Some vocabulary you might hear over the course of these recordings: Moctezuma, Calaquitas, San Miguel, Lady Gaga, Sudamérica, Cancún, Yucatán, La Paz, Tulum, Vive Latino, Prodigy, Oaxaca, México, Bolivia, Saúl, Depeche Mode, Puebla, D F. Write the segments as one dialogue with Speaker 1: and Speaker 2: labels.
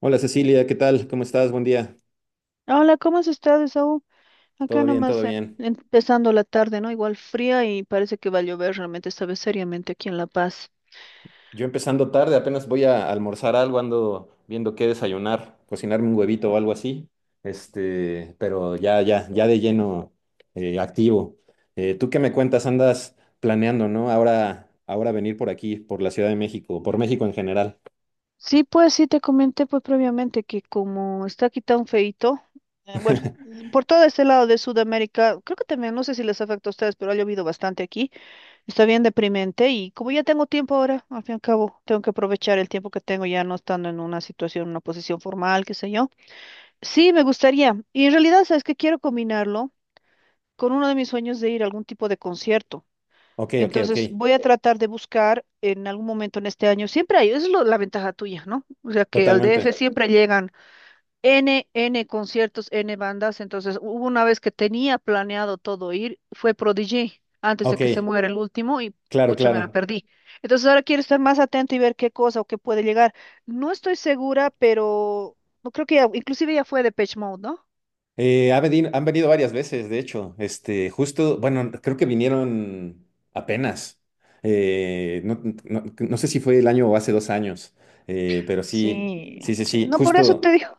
Speaker 1: Hola Cecilia, ¿qué tal? ¿Cómo estás? Buen día.
Speaker 2: Hola, ¿cómo has estado, Saúl? Acá
Speaker 1: Todo bien, todo
Speaker 2: nomás
Speaker 1: bien.
Speaker 2: empezando la tarde, ¿no? Igual fría y parece que va a llover realmente esta vez seriamente aquí en La Paz.
Speaker 1: Yo empezando tarde, apenas voy a almorzar algo, ando viendo qué desayunar, cocinarme un huevito o algo así. Este, pero ya de lleno activo. ¿Tú qué me cuentas? Andas planeando, ¿no? Ahora venir por aquí, por la Ciudad de México, por México en general.
Speaker 2: Sí, pues sí, te comenté pues previamente que como está aquí tan feito, bueno, por todo este lado de Sudamérica, creo que también, no sé si les afecta a ustedes, pero ha llovido bastante aquí, está bien deprimente y como ya tengo tiempo ahora, al fin y al cabo, tengo que aprovechar el tiempo que tengo ya no estando en una situación, una posición formal, qué sé yo. Sí, me gustaría. Y en realidad, ¿sabes qué? Quiero combinarlo con uno de mis sueños de ir a algún tipo de concierto.
Speaker 1: Ok, ok, ok.
Speaker 2: Entonces voy a tratar de buscar en algún momento en este año. Siempre hay, es la ventaja tuya, ¿no? O sea que al DF
Speaker 1: Totalmente.
Speaker 2: siempre llegan N, N conciertos, N bandas. Entonces hubo una vez que tenía planeado todo ir, fue Prodigy, antes de
Speaker 1: Ok,
Speaker 2: que se muera el último y
Speaker 1: claro,
Speaker 2: pucha, me la
Speaker 1: claro.
Speaker 2: perdí. Entonces ahora quiero estar más atenta y ver qué cosa o qué puede llegar. No estoy segura, pero no creo que inclusive ya fue de Depeche Mode, ¿no?
Speaker 1: Han venido varias veces, de hecho. Este, justo, bueno, creo que vinieron apenas. No, no sé si fue el año o hace dos años, pero sí,
Speaker 2: Sí,
Speaker 1: sí, sí,
Speaker 2: sí.
Speaker 1: sí.
Speaker 2: No, por eso te
Speaker 1: Justo
Speaker 2: digo.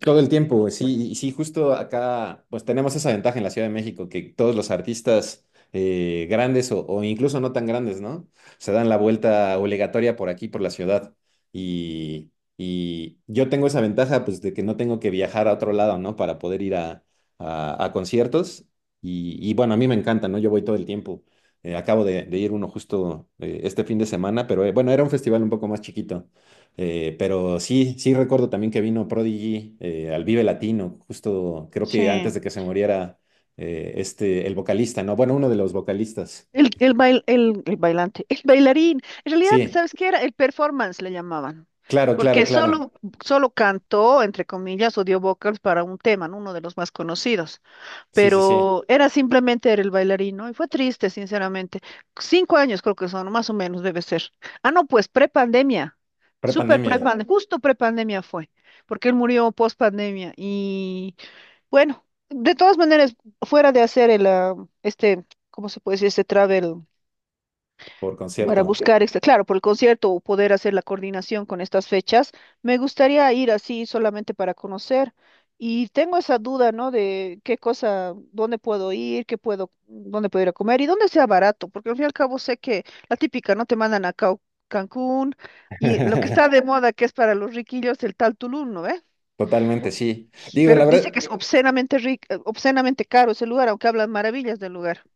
Speaker 1: todo el tiempo, güey, sí, y sí, justo acá, pues tenemos esa ventaja en la Ciudad de México, que todos los artistas grandes o incluso no tan grandes, ¿no? Se dan la vuelta obligatoria por aquí, por la ciudad. Y, y yo tengo esa ventaja, pues, de que no tengo que viajar a otro lado, ¿no? Para poder ir a, a conciertos. Y bueno, a mí me encanta, ¿no? Yo voy todo el tiempo. Acabo de ir uno justo este fin de semana, pero bueno, era un festival un poco más chiquito. Pero sí, sí recuerdo también que vino Prodigy al Vive Latino, justo creo que antes
Speaker 2: Sí.
Speaker 1: de que se muriera este, el vocalista, ¿no? Bueno, uno de los vocalistas.
Speaker 2: El bailante, el bailarín. En realidad,
Speaker 1: Sí,
Speaker 2: ¿sabes qué era? El performance le llamaban.
Speaker 1: claro, claro,
Speaker 2: Porque sí,
Speaker 1: claro.
Speaker 2: solo cantó, entre comillas, o dio vocals para un tema, ¿no? Uno de los más conocidos.
Speaker 1: Sí, sí, sí.
Speaker 2: Pero era simplemente era el bailarín, ¿no? Y fue triste, sinceramente. 5 años creo que son, más o menos debe ser. Ah, no, pues prepandemia. Súper
Speaker 1: Prepandemia,
Speaker 2: prepandemia. Justo prepandemia fue. Porque él murió post pandemia. Y bueno, de todas maneras, fuera de hacer el, este, ¿cómo se puede decir? Este travel.
Speaker 1: por
Speaker 2: Para
Speaker 1: concierto.
Speaker 2: buscar, este, claro, por el concierto o poder hacer la coordinación con estas fechas, me gustaría ir así solamente para conocer. Y tengo esa duda, ¿no? De qué cosa, dónde puedo ir, qué puedo, dónde puedo ir a comer y dónde sea barato, porque al fin y al cabo sé que la típica, ¿no? Te mandan a Cancún y lo que está de moda, que es para los riquillos, el tal Tulum, ¿no?
Speaker 1: Totalmente, sí. Digo,
Speaker 2: Pero
Speaker 1: la
Speaker 2: dice que
Speaker 1: verdad,
Speaker 2: es obscenamente rico, obscenamente caro ese lugar, aunque hablan maravillas del lugar.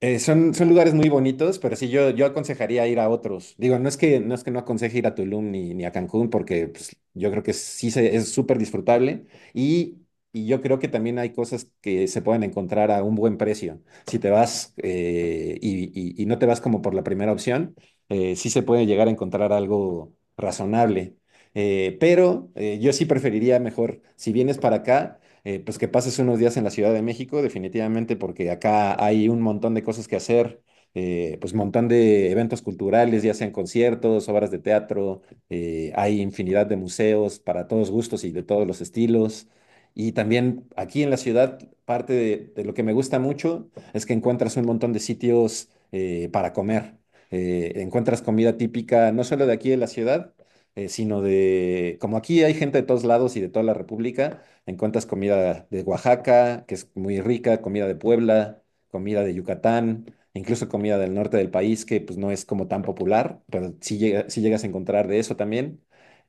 Speaker 1: Son, son lugares muy bonitos, pero sí, yo aconsejaría ir a otros. Digo, no es que no, es que no aconseje ir a Tulum ni, ni a Cancún, porque pues, yo creo que es súper disfrutable y, y yo creo que también hay cosas que se pueden encontrar a un buen precio. Si te vas y, y no te vas como por la primera opción, sí se puede llegar a encontrar algo razonable. Yo sí preferiría mejor, si vienes para acá pues que pases unos días en la Ciudad de México, definitivamente, porque acá hay un montón de cosas que hacer, pues montón de eventos culturales, ya sean conciertos, obras de teatro, hay infinidad de museos para todos gustos y de todos los estilos. Y también aquí en la ciudad, parte de lo que me gusta mucho es que encuentras un montón de sitios para comer. Encuentras comida típica, no solo de aquí de la ciudad, sino de, como aquí hay gente de todos lados y de toda la República, encuentras comida de Oaxaca, que es muy rica, comida de Puebla, comida de Yucatán, incluso comida del norte del país, que pues no es como tan popular, pero sí, sí llegas a encontrar de eso también.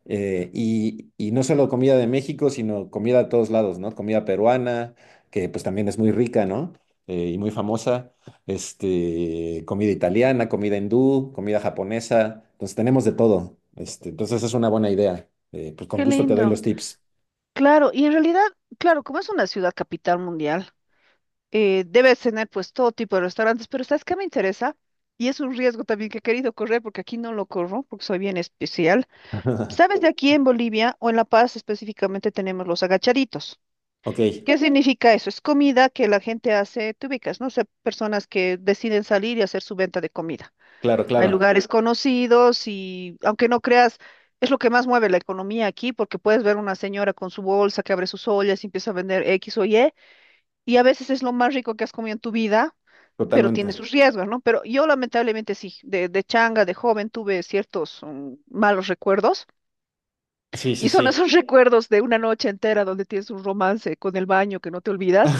Speaker 1: Y, y no solo comida de México, sino comida de todos lados, ¿no? Comida peruana, que pues también es muy rica, ¿no? Y muy famosa. Este, comida italiana, comida hindú, comida japonesa. Entonces tenemos de todo. Este, entonces es una buena idea. Pues con
Speaker 2: Qué
Speaker 1: gusto te doy los
Speaker 2: lindo.
Speaker 1: tips.
Speaker 2: Claro, y en realidad, claro, como es una ciudad capital mundial, debes tener pues todo tipo de restaurantes, pero ¿sabes qué me interesa? Y es un riesgo también que he querido correr porque aquí no lo corro porque soy bien especial. Sabes, de aquí en Bolivia o en La Paz específicamente tenemos los agachaditos.
Speaker 1: Ok,
Speaker 2: ¿Qué significa eso? Es comida que la gente hace, te ubicas, ¿no? O sea, personas que deciden salir y hacer su venta de comida.
Speaker 1: claro,
Speaker 2: Hay
Speaker 1: claro,
Speaker 2: lugares conocidos y aunque no creas, es lo que más mueve la economía aquí porque puedes ver una señora con su bolsa que abre sus ollas y empieza a vender X o Y y a veces es lo más rico que has comido en tu vida, pero tiene
Speaker 1: totalmente.
Speaker 2: sus riesgos, ¿no? Pero yo lamentablemente sí, de changa, de joven, tuve ciertos malos recuerdos
Speaker 1: Sí, sí,
Speaker 2: y son
Speaker 1: sí.
Speaker 2: esos recuerdos de una noche entera donde tienes un romance con el baño que no te olvidas,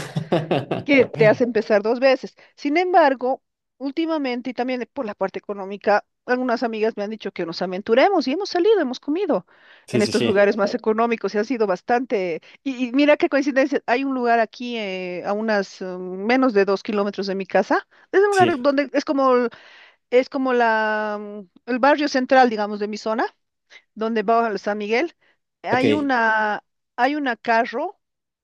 Speaker 2: que te hace empezar dos veces. Sin embargo, últimamente y también por la parte económica, algunas amigas me han dicho que nos aventuremos y hemos salido, hemos comido en
Speaker 1: Sí, sí,
Speaker 2: estos
Speaker 1: sí,
Speaker 2: lugares más económicos y ha sido bastante. Y mira qué coincidencia, hay un lugar aquí a unas menos de 2 kilómetros de mi casa. Es un lugar
Speaker 1: sí.
Speaker 2: donde es como, es como la, el barrio central, digamos, de mi zona donde va a San Miguel, hay
Speaker 1: Ok.
Speaker 2: una, hay una carro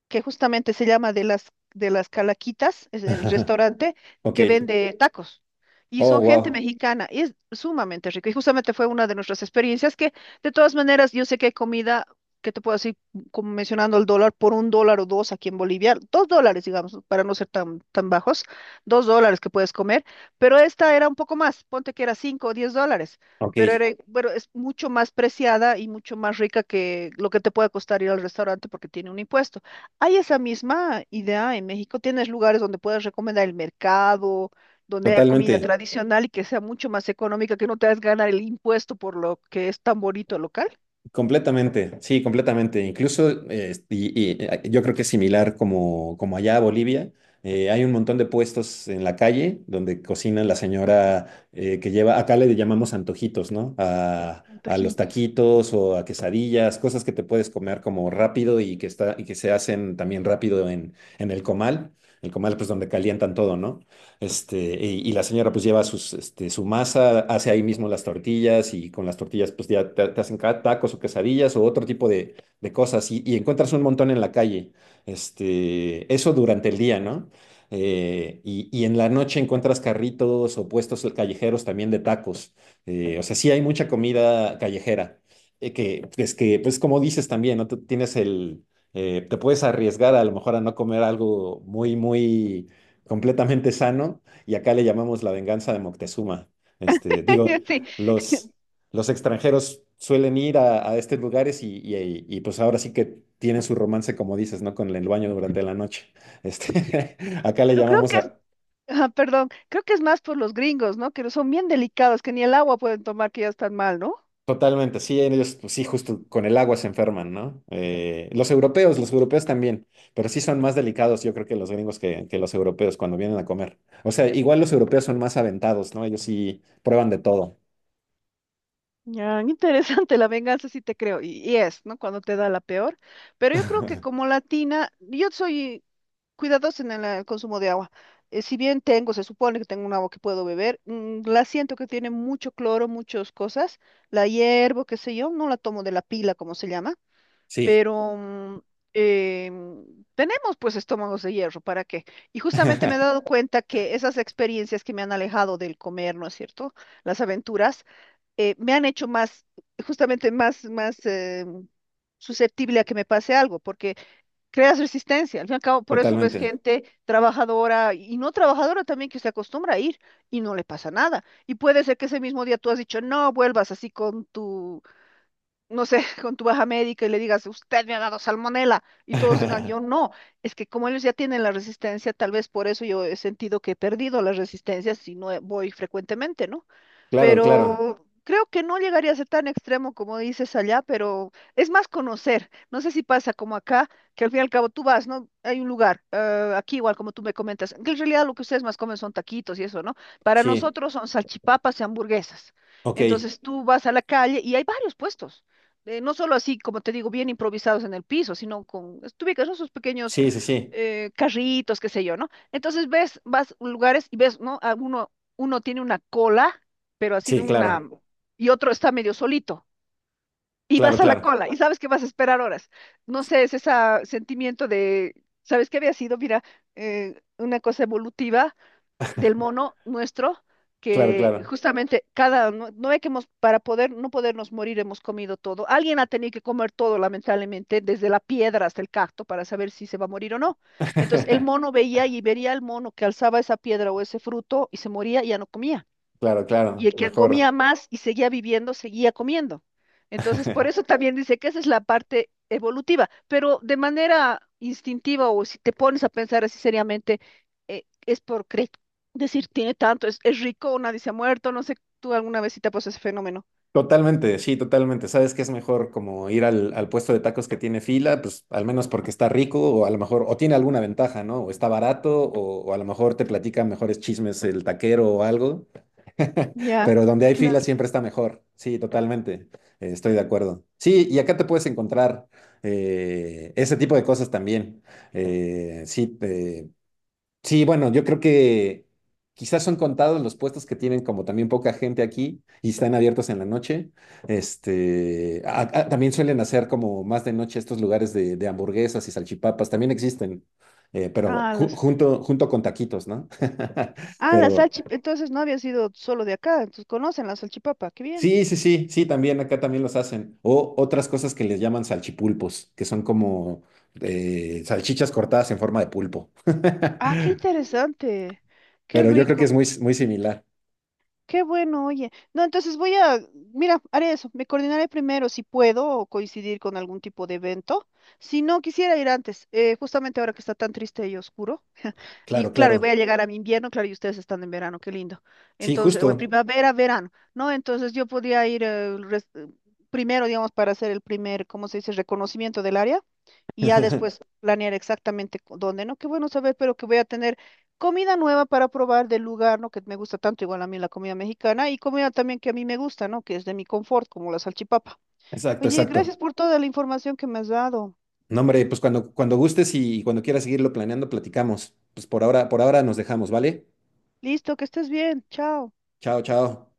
Speaker 2: que justamente se llama de las Calaquitas, es el restaurante
Speaker 1: Ok.
Speaker 2: que vende tacos. Y
Speaker 1: Oh,
Speaker 2: son gente
Speaker 1: wow.
Speaker 2: mexicana, y es sumamente rico. Y justamente fue una de nuestras experiencias que, de todas maneras, yo sé que hay comida que te puedo decir, como mencionando el dólar, por un dólar o dos aquí en Bolivia, dos dólares, digamos, para no ser tan, tan bajos, $2 que puedes comer, pero esta era un poco más, ponte que era $5 o $10,
Speaker 1: Ok,
Speaker 2: pero era, bueno, es mucho más preciada y mucho más rica que lo que te puede costar ir al restaurante porque tiene un impuesto. Hay esa misma idea en México, tienes lugares donde puedes recomendar el mercado, donde hay comida Ujú.
Speaker 1: totalmente.
Speaker 2: Tradicional y que sea mucho más económica, que no te hagas ganar el impuesto por lo que es tan bonito el local.
Speaker 1: Completamente, sí, completamente. Incluso yo creo que es similar como, como allá a Bolivia. Hay un montón de puestos en la calle donde cocina la señora que lleva, acá le llamamos antojitos, ¿no? A los
Speaker 2: Antojitos.
Speaker 1: taquitos o a quesadillas, cosas que te puedes comer como rápido y que, está, y que se hacen también rápido en el comal. El comal, pues donde calientan todo, ¿no? Este, y la señora pues lleva sus, este, su masa, hace ahí mismo las tortillas y con las tortillas pues ya te hacen tacos o quesadillas o otro tipo de cosas y encuentras un montón en la calle. Este, eso durante el día, ¿no? Y, y en la noche encuentras carritos o puestos callejeros también de tacos. O sea, sí hay mucha comida callejera, que es que, pues como dices también, ¿no? Tú tienes el… te puedes arriesgar a lo mejor a no comer algo muy, muy completamente sano y acá le llamamos la venganza de Moctezuma. Este, digo,
Speaker 2: Sí,
Speaker 1: los, los extranjeros suelen ir a estos lugares y, y, pues ahora sí que tienen su romance, como dices, ¿no? Con el baño durante la noche. Este, acá le
Speaker 2: pero creo
Speaker 1: llamamos
Speaker 2: que es,
Speaker 1: a…
Speaker 2: ajá, perdón, creo que es más por los gringos, ¿no? Que son bien delicados, que ni el agua pueden tomar, que ya están mal, ¿no?
Speaker 1: Totalmente, sí, ellos pues sí, justo con el agua se enferman, ¿no? Los europeos, los europeos también, pero sí son más delicados, yo creo que los gringos que los europeos cuando vienen a comer. O sea, igual los europeos son más aventados, ¿no? Ellos sí prueban de todo.
Speaker 2: Ya, interesante, la venganza sí te creo, y es, ¿no? Cuando te da la peor. Pero yo creo que como latina, yo soy cuidadosa en el, consumo de agua. Si bien tengo, se supone que tengo un agua que puedo beber, mm, la siento que tiene mucho cloro, muchas cosas. La hiervo, qué sé yo, no la tomo de la pila, como se llama,
Speaker 1: Sí.
Speaker 2: pero eh, tenemos pues estómagos de hierro, ¿para qué? Y justamente me he dado cuenta que esas experiencias que me han alejado del comer, ¿no es cierto? Las aventuras me han hecho más, justamente más, más susceptible a que me pase algo, porque creas resistencia. Al fin y al cabo, por eso ves
Speaker 1: Totalmente.
Speaker 2: gente trabajadora y no trabajadora también que se acostumbra a ir y no le pasa nada. Y puede ser que ese mismo día tú has dicho, no vuelvas así con tu no sé, con tu baja médica y le digas, usted me ha dado salmonela, y todos digan, yo no. Es que como ellos ya tienen la resistencia, tal vez por eso yo he sentido que he perdido la resistencia si no voy frecuentemente, ¿no?
Speaker 1: Claro, claro.
Speaker 2: Pero creo que no llegaría a ser tan extremo como dices allá, pero es más conocer. No sé si pasa como acá, que al fin y al cabo tú vas, ¿no? Hay un lugar, aquí igual como tú me comentas, que en realidad lo que ustedes más comen son taquitos y eso, ¿no? Para
Speaker 1: Sí.
Speaker 2: nosotros son salchipapas y hamburguesas.
Speaker 1: Ok.
Speaker 2: Entonces tú vas a la calle y hay varios puestos no solo así, como te digo, bien improvisados en el piso, sino con, tú ubicas, ¿no? Esos pequeños
Speaker 1: Sí, sí, sí.
Speaker 2: carritos, qué sé yo, ¿no? Entonces ves, vas a lugares y ves, ¿no? A uno, uno tiene una cola, pero así de
Speaker 1: Sí,
Speaker 2: una,
Speaker 1: claro.
Speaker 2: y otro está medio solito, y
Speaker 1: Claro,
Speaker 2: vas a la
Speaker 1: claro.
Speaker 2: cola, y sabes que vas a esperar horas. No sé, es ese sentimiento de, ¿sabes qué había sido? Mira, una cosa evolutiva del mono nuestro,
Speaker 1: Claro,
Speaker 2: que
Speaker 1: claro.
Speaker 2: justamente cada, no, no ve que hemos, para poder, no podernos morir, hemos comido todo. Alguien ha tenido que comer todo, lamentablemente, desde la piedra hasta el cacto, para saber si se va a morir o no. Entonces, el mono veía y vería al mono que alzaba esa piedra o ese fruto y se moría y ya no comía,
Speaker 1: Claro,
Speaker 2: y
Speaker 1: claro.
Speaker 2: el que
Speaker 1: Mejor.
Speaker 2: comía más y seguía viviendo, seguía comiendo. Entonces, por eso también dice que esa es la parte evolutiva, pero de manera instintiva o si te pones a pensar así seriamente, es por decir, tiene tanto, es rico, nadie se ha muerto, no sé, tú alguna vez sí te pasó ese fenómeno.
Speaker 1: Totalmente, sí, totalmente. Sabes que es mejor como ir al, al puesto de tacos que tiene fila, pues al menos porque está rico o a lo mejor, o tiene alguna ventaja, ¿no? O está barato o a lo mejor te platica mejores chismes el taquero o algo.
Speaker 2: Ya,
Speaker 1: Pero donde hay fila
Speaker 2: claro.
Speaker 1: siempre está mejor. Sí, totalmente. Estoy de acuerdo. Sí, y acá te puedes encontrar ese tipo de cosas también. Eh, sí, te- Sí, bueno, yo creo que quizás son contados los puestos que tienen como también poca gente aquí y están abiertos en la noche. Este, también suelen hacer como más de noche estos lugares de hamburguesas y salchipapas, también existen, pero
Speaker 2: Ah, las,
Speaker 1: junto, junto con taquitos, ¿no?
Speaker 2: ah, las
Speaker 1: Pero
Speaker 2: entonces no había sido solo de acá, entonces conocen la salchipapa, qué bien.
Speaker 1: sí, sí, sí, sí, también acá también los hacen. O otras cosas que les llaman salchipulpos, que son como salchichas cortadas en forma de pulpo.
Speaker 2: Ah, qué interesante, qué
Speaker 1: Pero yo creo que es
Speaker 2: rico.
Speaker 1: muy, muy similar.
Speaker 2: Qué bueno, oye. No, entonces voy a, mira, haré eso. Me coordinaré primero si puedo o coincidir con algún tipo de evento. Si no, quisiera ir antes, justamente ahora que está tan triste y oscuro. Y
Speaker 1: Claro,
Speaker 2: claro, y voy a
Speaker 1: claro.
Speaker 2: llegar a mi invierno, claro, y ustedes están en verano, qué lindo.
Speaker 1: Sí,
Speaker 2: Entonces, o en
Speaker 1: justo.
Speaker 2: primavera, verano, ¿no? Entonces yo podía ir primero, digamos, para hacer el primer, ¿cómo se dice?, reconocimiento del área y ya después planear exactamente dónde, ¿no? Qué bueno saber, pero que voy a tener comida nueva para probar del lugar, ¿no? Que me gusta tanto, igual a mí la comida mexicana y comida también que a mí me gusta, ¿no? Que es de mi confort, como la salchipapa.
Speaker 1: Exacto,
Speaker 2: Oye, gracias
Speaker 1: exacto.
Speaker 2: por toda la información que me has dado.
Speaker 1: No, hombre, pues cuando, cuando gustes y cuando quieras seguirlo planeando, platicamos. Pues por ahora nos dejamos, ¿vale?
Speaker 2: Listo, que estés bien. Chao.
Speaker 1: Chao, chao.